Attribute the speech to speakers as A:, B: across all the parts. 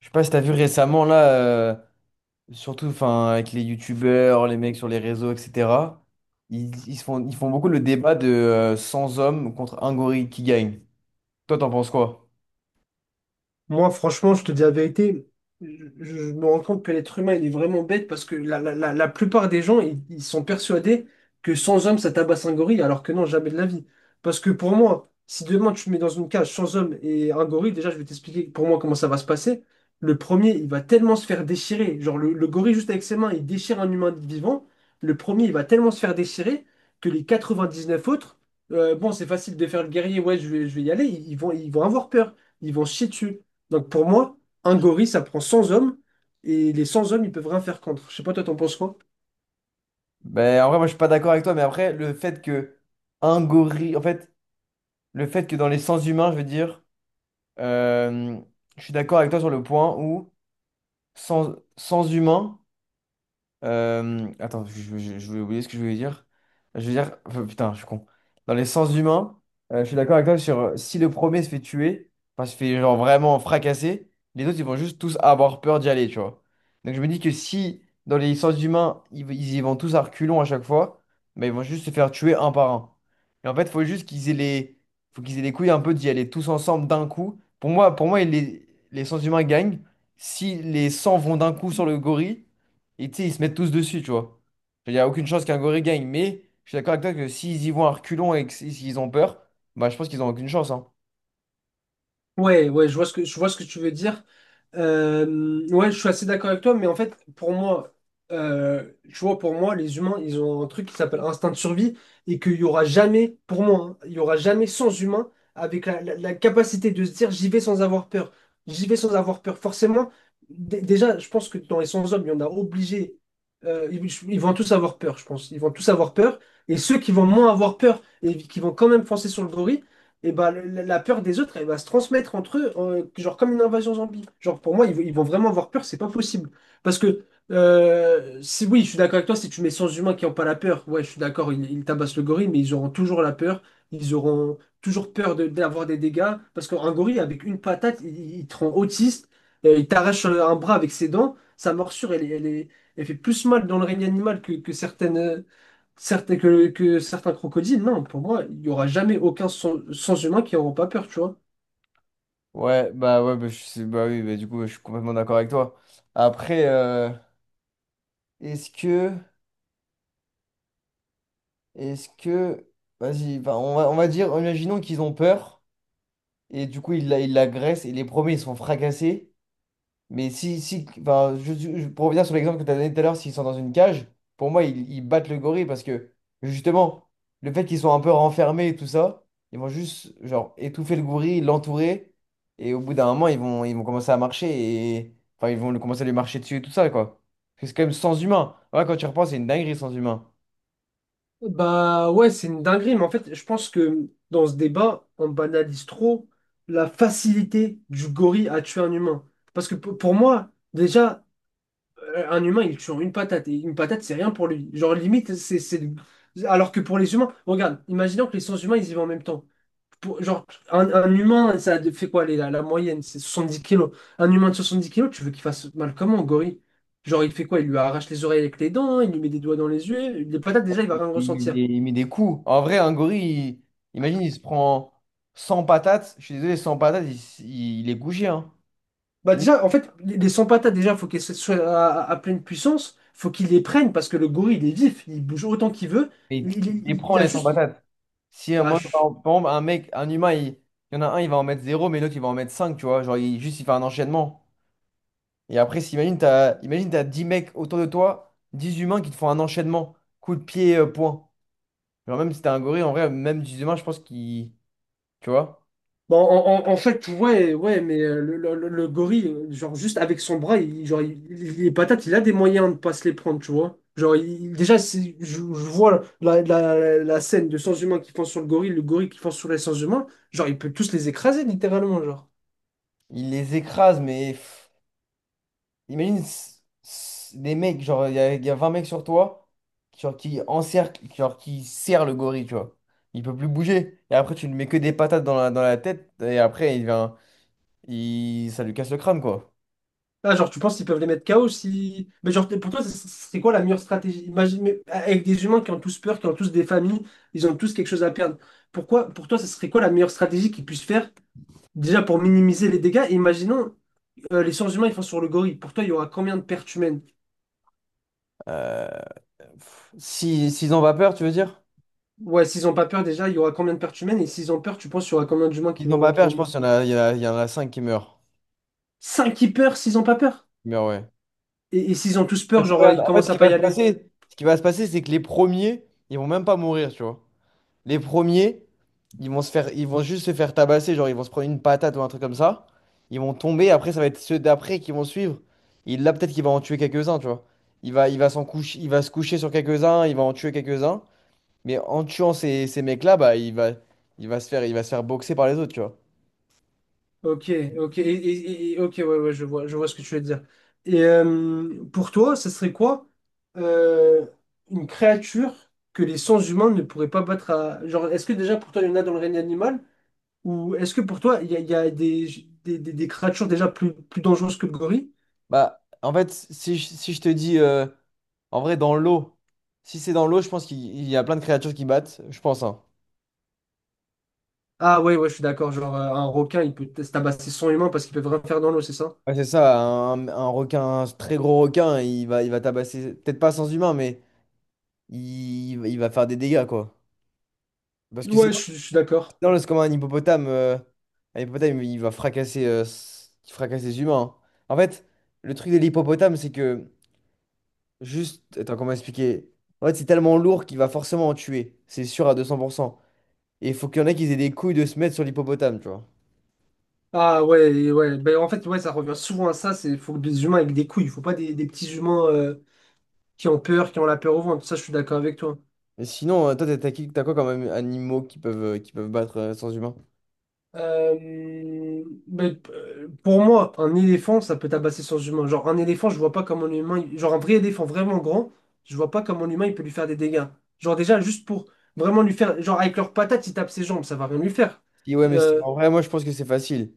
A: Je sais pas si t'as vu récemment là, surtout enfin avec les youtubeurs, les mecs sur les réseaux, etc. Ils font beaucoup le débat de 100 hommes contre un gorille qui gagne. Toi, t'en penses quoi?
B: Moi, franchement, je te dis la vérité, je me rends compte que l'être humain, il est vraiment bête parce que la plupart des gens, ils sont persuadés que sans homme, ça tabasse un gorille, alors que non, jamais de la vie. Parce que pour moi, si demain tu me mets dans une cage sans homme et un gorille, déjà, je vais t'expliquer pour moi comment ça va se passer. Le premier, il va tellement se faire déchirer. Genre, le gorille, juste avec ses mains, il déchire un humain vivant. Le premier, il va tellement se faire déchirer que les 99 autres, bon, c'est facile de faire le guerrier, ouais, je vais y aller, ils vont avoir peur. Ils vont se chier dessus. Donc pour moi, un gorille, ça prend 100 hommes, et les 100 hommes, ils peuvent rien faire contre. Je sais pas, toi, t'en penses quoi?
A: Ben en vrai, moi je suis pas d'accord avec toi, mais après le fait que un gorille, en fait, le fait que dans les sens humains, je veux dire, euh, je suis d'accord avec toi sur le point où sans humain. Attends, je vais oublier ce que je voulais dire. Je veux dire, enfin, putain, je suis con. Dans les sens humains, je suis d'accord avec toi sur si le premier se fait tuer, enfin se fait genre vraiment fracasser, les autres ils vont juste tous avoir peur d'y aller, tu vois. Donc je me dis que si dans les sens humains, ils y vont tous à reculons à chaque fois, mais ils vont juste se faire tuer un par un. Et en fait, faut qu'ils aient les couilles un peu d'y aller tous ensemble d'un coup. Pour moi, les sens humains gagnent si les 100 vont d'un coup sur le gorille. Et tu sais, ils se mettent tous dessus, tu vois. Il n'y a aucune chance qu'un gorille gagne, mais je suis d'accord avec toi que s'ils y vont à reculons et que s'ils ont peur, bah je pense qu'ils ont aucune chance, hein.
B: Ouais, ouais, je vois ce que tu veux dire. Ouais, je suis assez d'accord avec toi, mais en fait, pour moi, tu vois, pour moi, les humains, ils ont un truc qui s'appelle instinct de survie et qu'il y aura jamais, pour moi, hein, il y aura jamais sans humain avec la capacité de se dire j'y vais sans avoir peur. J'y vais sans avoir peur. Forcément, déjà, je pense que dans les sans hommes, il y en a obligé. euh, ils, ils vont tous avoir peur, je pense. Ils vont tous avoir peur. Et ceux qui vont moins avoir peur et qui vont quand même foncer sur le gorille, et bah, la peur des autres, elle va se transmettre entre eux, genre comme une invasion zombie. Genre, pour moi, ils vont vraiment avoir peur, c'est pas possible. Parce que, si, oui, je suis d'accord avec toi, si tu mets 100 humains qui n'ont pas la peur, ouais, je suis d'accord, ils tabassent le gorille, mais ils auront toujours la peur, ils auront toujours peur d'avoir des dégâts. Parce qu'un gorille, avec une patate, il te rend autiste, il t'arrache un bras avec ses dents, sa morsure, elle fait plus mal dans le règne animal que certaines, Certains, que certains crocodiles, non, pour moi, il n'y aura jamais aucun sans, humain qui n'auront pas peur, tu vois.
A: Ouais, bah, bah oui, bah, du coup, ouais, je suis complètement d'accord avec toi. Après, est-ce que, est-ce que, vas-y, bah, on va dire, imaginons qu'ils ont peur, et du coup, ils l'agressent, et les premiers, ils sont fracassés. Mais si, enfin, pour revenir sur l'exemple que tu as donné tout à l'heure, s'ils sont dans une cage, pour moi, ils battent le gorille parce que justement, le fait qu'ils soient un peu renfermés et tout ça, ils vont juste genre étouffer le gorille, l'entourer, et au bout d'un moment, ils vont commencer à marcher et enfin, ils vont commencer à lui marcher dessus et tout ça, quoi. Parce que c'est quand même sans humain. Ouais, quand tu repenses, c'est une dinguerie sans humain.
B: Bah ouais, c'est une dinguerie, mais en fait, je pense que dans ce débat, on banalise trop la facilité du gorille à tuer un humain. Parce que pour moi, déjà, un humain, il tue en une patate, et une patate, c'est rien pour lui. Genre, limite, Alors que pour les humains, regarde, imaginons que les sens humains, ils y vont en même temps. Genre, un humain, ça fait quoi la moyenne? C'est 70 kilos. Un humain de 70 kilos, tu veux qu'il fasse mal comment, gorille? Genre, il fait quoi? Il lui arrache les oreilles avec les dents, hein, il lui met des doigts dans les yeux. Les patates, déjà, il va
A: Il
B: rien
A: met
B: ressentir.
A: des, il met des coups. En vrai, un gorille, imagine, il se prend 100 patates. Je suis désolé, 100 patates, il est couché, hein.
B: Bah, déjà, en fait, les 100 patates, déjà, faut qu'elles soient à, à pleine puissance. Faut qu'il les prenne parce que le gorille, il est vif, il bouge autant qu'il veut.
A: Et il il les prend,
B: Il a
A: les 100
B: juste.
A: patates. Si
B: ah,
A: Moi, par exemple, un humain, il y en a un, il va en mettre zéro mais l'autre, il va en mettre 5 tu vois. Genre, juste, il fait un enchaînement. Et après, imagine, imagine, t'as 10 mecs autour de toi, 10 humains qui te font un enchaînement. Coup de pied, point. Genre, même si t'es un gorille, en vrai, même 10 humains, je pense qu'il, tu vois,
B: Bon, en, en- en fait, ouais, ouais, mais le gorille, genre, juste avec son bras, genre, les patates, il a des moyens de pas se les prendre, tu vois. Genre, déjà, je vois la scène de sans humains qui fonce sur le gorille qui fonce sur les sans humains, genre, il peut tous les écraser, littéralement, genre.
A: il les écrase, mais pff, imagine des mecs, genre, il y a 20 mecs sur toi, genre, qui encerclent, genre, qui serrent le gorille, tu vois. Il peut plus bouger. Et après, tu lui mets que des patates dans la tête, et après, ça lui casse le crâne, quoi.
B: Ah, genre, tu penses qu'ils peuvent les mettre KO si... Mais genre, pour toi, c'est quoi la meilleure stratégie? Imagine, mais avec des humains qui ont tous peur, qui ont tous des familles, ils ont tous quelque chose à perdre. Pourquoi, pour toi, ce serait quoi la meilleure stratégie qu'ils puissent faire, déjà, pour minimiser les dégâts? Imaginons... les sens humains ils font sur le gorille. Pour toi, il y aura combien de pertes humaines?
A: Euh, Si, s'ils ont pas peur, tu veux dire?
B: Ouais, s'ils ont pas peur déjà, il y aura combien de pertes humaines? Et s'ils ont peur, tu penses qu'il y aura combien d'humains
A: Ils n'ont pas
B: qui
A: peur,
B: vont
A: je pense qu'il
B: mourir?
A: y en a, il y en a, il y en a 5 qui meurent.
B: 5 qui peur s'ils ont pas peur?
A: Qui meurent, ouais.
B: Et- s'ils ont tous peur,
A: Parce que,
B: genre,
A: regarde,
B: ils
A: en fait, ce
B: commencent à
A: qui
B: pas
A: va
B: y
A: se
B: aller?
A: passer, ce qui va se passer, c'est que les premiers, ils vont même pas mourir, tu vois. Les premiers, ils vont se faire, ils vont juste se faire tabasser, genre ils vont se prendre une patate ou un truc comme ça. Ils vont tomber, après ça va être ceux d'après qui vont suivre. Et là, peut-être qu'il va en tuer quelques-uns, tu vois. Il va se coucher sur quelques-uns, il va en tuer quelques-uns. Mais en tuant ces mecs-là, bah, il va se faire, il va se faire boxer par les autres, tu vois.
B: Ok, ok, et, ok, ouais, ouais, je vois ce que tu veux dire. Et pour toi, ce serait quoi euh, une créature que les sens humains ne pourraient pas battre à... Genre, est-ce que déjà pour toi, il y en a dans le règne animal? Ou est-ce que pour toi, il y a des créatures déjà plus dangereuses que le gorille?
A: Bah, en fait, si je te dis, en vrai, dans l'eau, si c'est dans l'eau, je pense qu'il il y a plein de créatures qui battent, je pense, hein.
B: Ah ouais, ouais, je suis d'accord. Genre, un requin, il peut se tabasser son humain parce qu'il peut vraiment faire dans l'eau, c'est ça?
A: Ouais, c'est ça, un très gros requin, il va tabasser, peut-être pas sans humain, mais il va faire des dégâts, quoi. Parce que c'est
B: Ouais, je suis d'accord.
A: dans c'est comme un hippopotame. Un hippopotame, il fracasse les humains, hein. En fait, le truc de l'hippopotame, c'est que, juste, attends, comment expliquer? En fait, c'est tellement lourd qu'il va forcément en tuer, c'est sûr à 200%. Et il faut qu'il y en ait qui aient des couilles de se mettre sur l'hippopotame, tu vois.
B: Ah ouais, et ouais. Ben, en fait, ouais, ça revient souvent à ça. C'est faut des humains avec des couilles. Faut pas des, des petits humains qui ont peur, qui ont la peur au ventre. Ça, je suis d'accord avec toi.
A: Mais sinon, toi, t'as quoi quand même, animaux qui peuvent battre sans humain?
B: Pour moi, un éléphant, ça peut tabasser son humain. Genre, un éléphant, je vois pas comment l'humain. Genre, un vrai éléphant vraiment grand, je vois pas comment l'humain, il peut lui faire des dégâts. Genre, déjà, juste pour vraiment lui faire. Genre, avec leurs patates, ils tapent ses jambes, ça va rien lui faire.
A: Puis ouais, mais
B: Euh,
A: en vrai, moi je pense que c'est facile.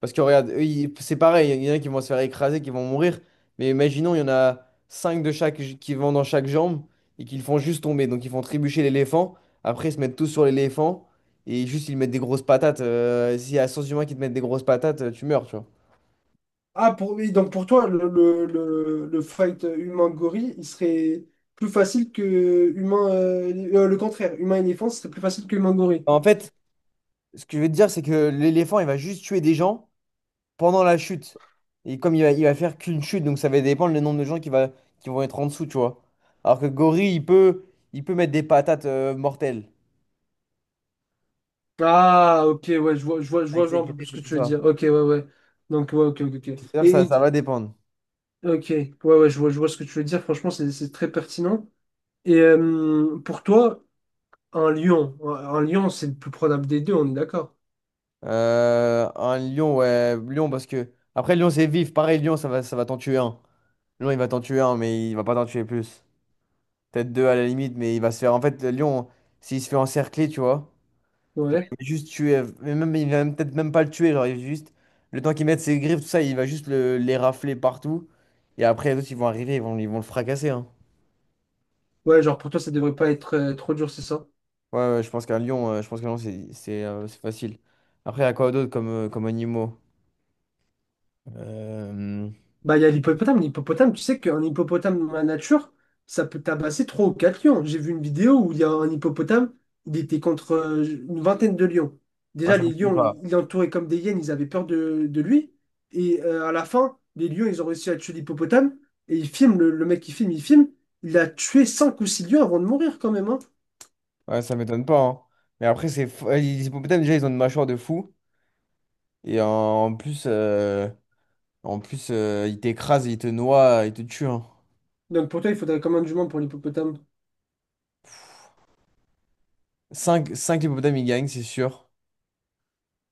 A: Parce que regarde, eux, c'est pareil, il y en a qui vont se faire écraser, qui vont mourir. Mais imaginons, il y en a 5 de chaque qui vont dans chaque jambe et qu'ils font juste tomber. Donc ils font trébucher l'éléphant. Après, ils se mettent tous sur l'éléphant et juste ils mettent des grosses patates. S'il y a 100 humains qui te mettent des grosses patates, tu meurs, tu vois.
B: Ah, pour, oui, donc pour toi, le fight humain-gorille, il serait plus facile que humain. Le contraire, humain-éléphant, ce serait plus facile que humain-gorille.
A: En fait, ce que je veux te dire, c'est que l'éléphant, il va juste tuer des gens pendant la chute. Et comme il va faire qu'une chute, donc ça va dépendre le nombre de gens qui vont être en dessous, tu vois. Alors que gorille, il peut mettre des patates mortelles.
B: Ah, ok, ouais, je vois, je vois, je
A: Avec
B: vois, je vois
A: ses
B: un peu plus ce
A: griffes et
B: que
A: tout
B: tu veux
A: ça.
B: dire. Ok, ouais, ouais. Donc, ouais, ok, ok, ok.
A: C'est-à-dire que
B: Et,
A: ça, ça va dépendre.
B: ok, ouais, ouais, je vois ce que tu veux dire. Franchement, c'est très pertinent. Et pour toi, un lion. Un lion, c'est le plus probable des deux, on est d'accord.
A: Un lion, ouais, lion, parce que. Après, lion, c'est vif. Pareil, lion, ça va t'en tuer un. Lion, il va t'en tuer un, mais il va pas t'en tuer plus. Peut-être deux à la limite, mais il va se faire. En fait, le lion, s'il se fait encercler, tu vois. Genre,
B: Ouais.
A: il va juste tuer, mais même, peut-être même pas le tuer, genre, il va juste, le temps qu'il mette ses griffes, tout ça, il va juste les rafler partout. Et après, les autres, ils vont arriver, ils vont le fracasser, hein.
B: Ouais, genre pour toi, ça devrait pas être trop dur, c'est ça?
A: Ouais, ouais, je pense qu'un lion, je pense qu'un lion, c'est facile. Après, il y a quoi d'autre comme animaux? Euh,
B: Bah, il y a l'hippopotame. L'hippopotame, tu sais qu'un hippopotame dans la nature, ça peut tabasser 3 ou 4 lions. J'ai vu une vidéo où il y a un hippopotame, il était contre une vingtaine de lions.
A: Ouais,
B: Déjà,
A: ça
B: les
A: m'étonne
B: lions,
A: pas.
B: ils l'entouraient comme des hyènes, ils avaient peur de lui. Et à la fin, les lions, ils ont réussi à tuer l'hippopotame. Et ils filment, le mec qui filme. Il a tué 5 ou 6 lions avant de mourir quand même, hein.
A: Ouais, ça m'étonne pas, hein. Mais après, les hippopotames, déjà, ils ont une mâchoire de fou. Et en plus, euh, en plus, ils t'écrasent, ils te noient, ils te tuent, hein.
B: Donc pour toi, il faudrait combien de juments pour l'hippopotame?
A: Cinq hippopotames, ils gagnent, c'est sûr.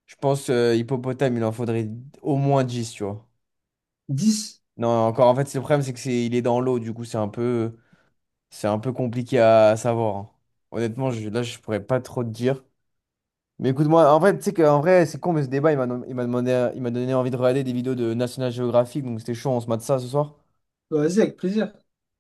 A: Je pense hippopotame, il en faudrait au moins 10, tu vois.
B: 10.
A: Non, encore, en fait, le problème, c'est que il est dans l'eau, du coup, c'est un peu compliqué à savoir, hein. Honnêtement, là, je pourrais pas trop te dire. Mais écoute-moi, en fait, tu sais qu'en vrai, c'est con, mais ce débat, il m'a donné envie de regarder des vidéos de National Geographic, donc c'était chaud, on se mate ça ce soir.
B: Bah, vas-y, avec plaisir.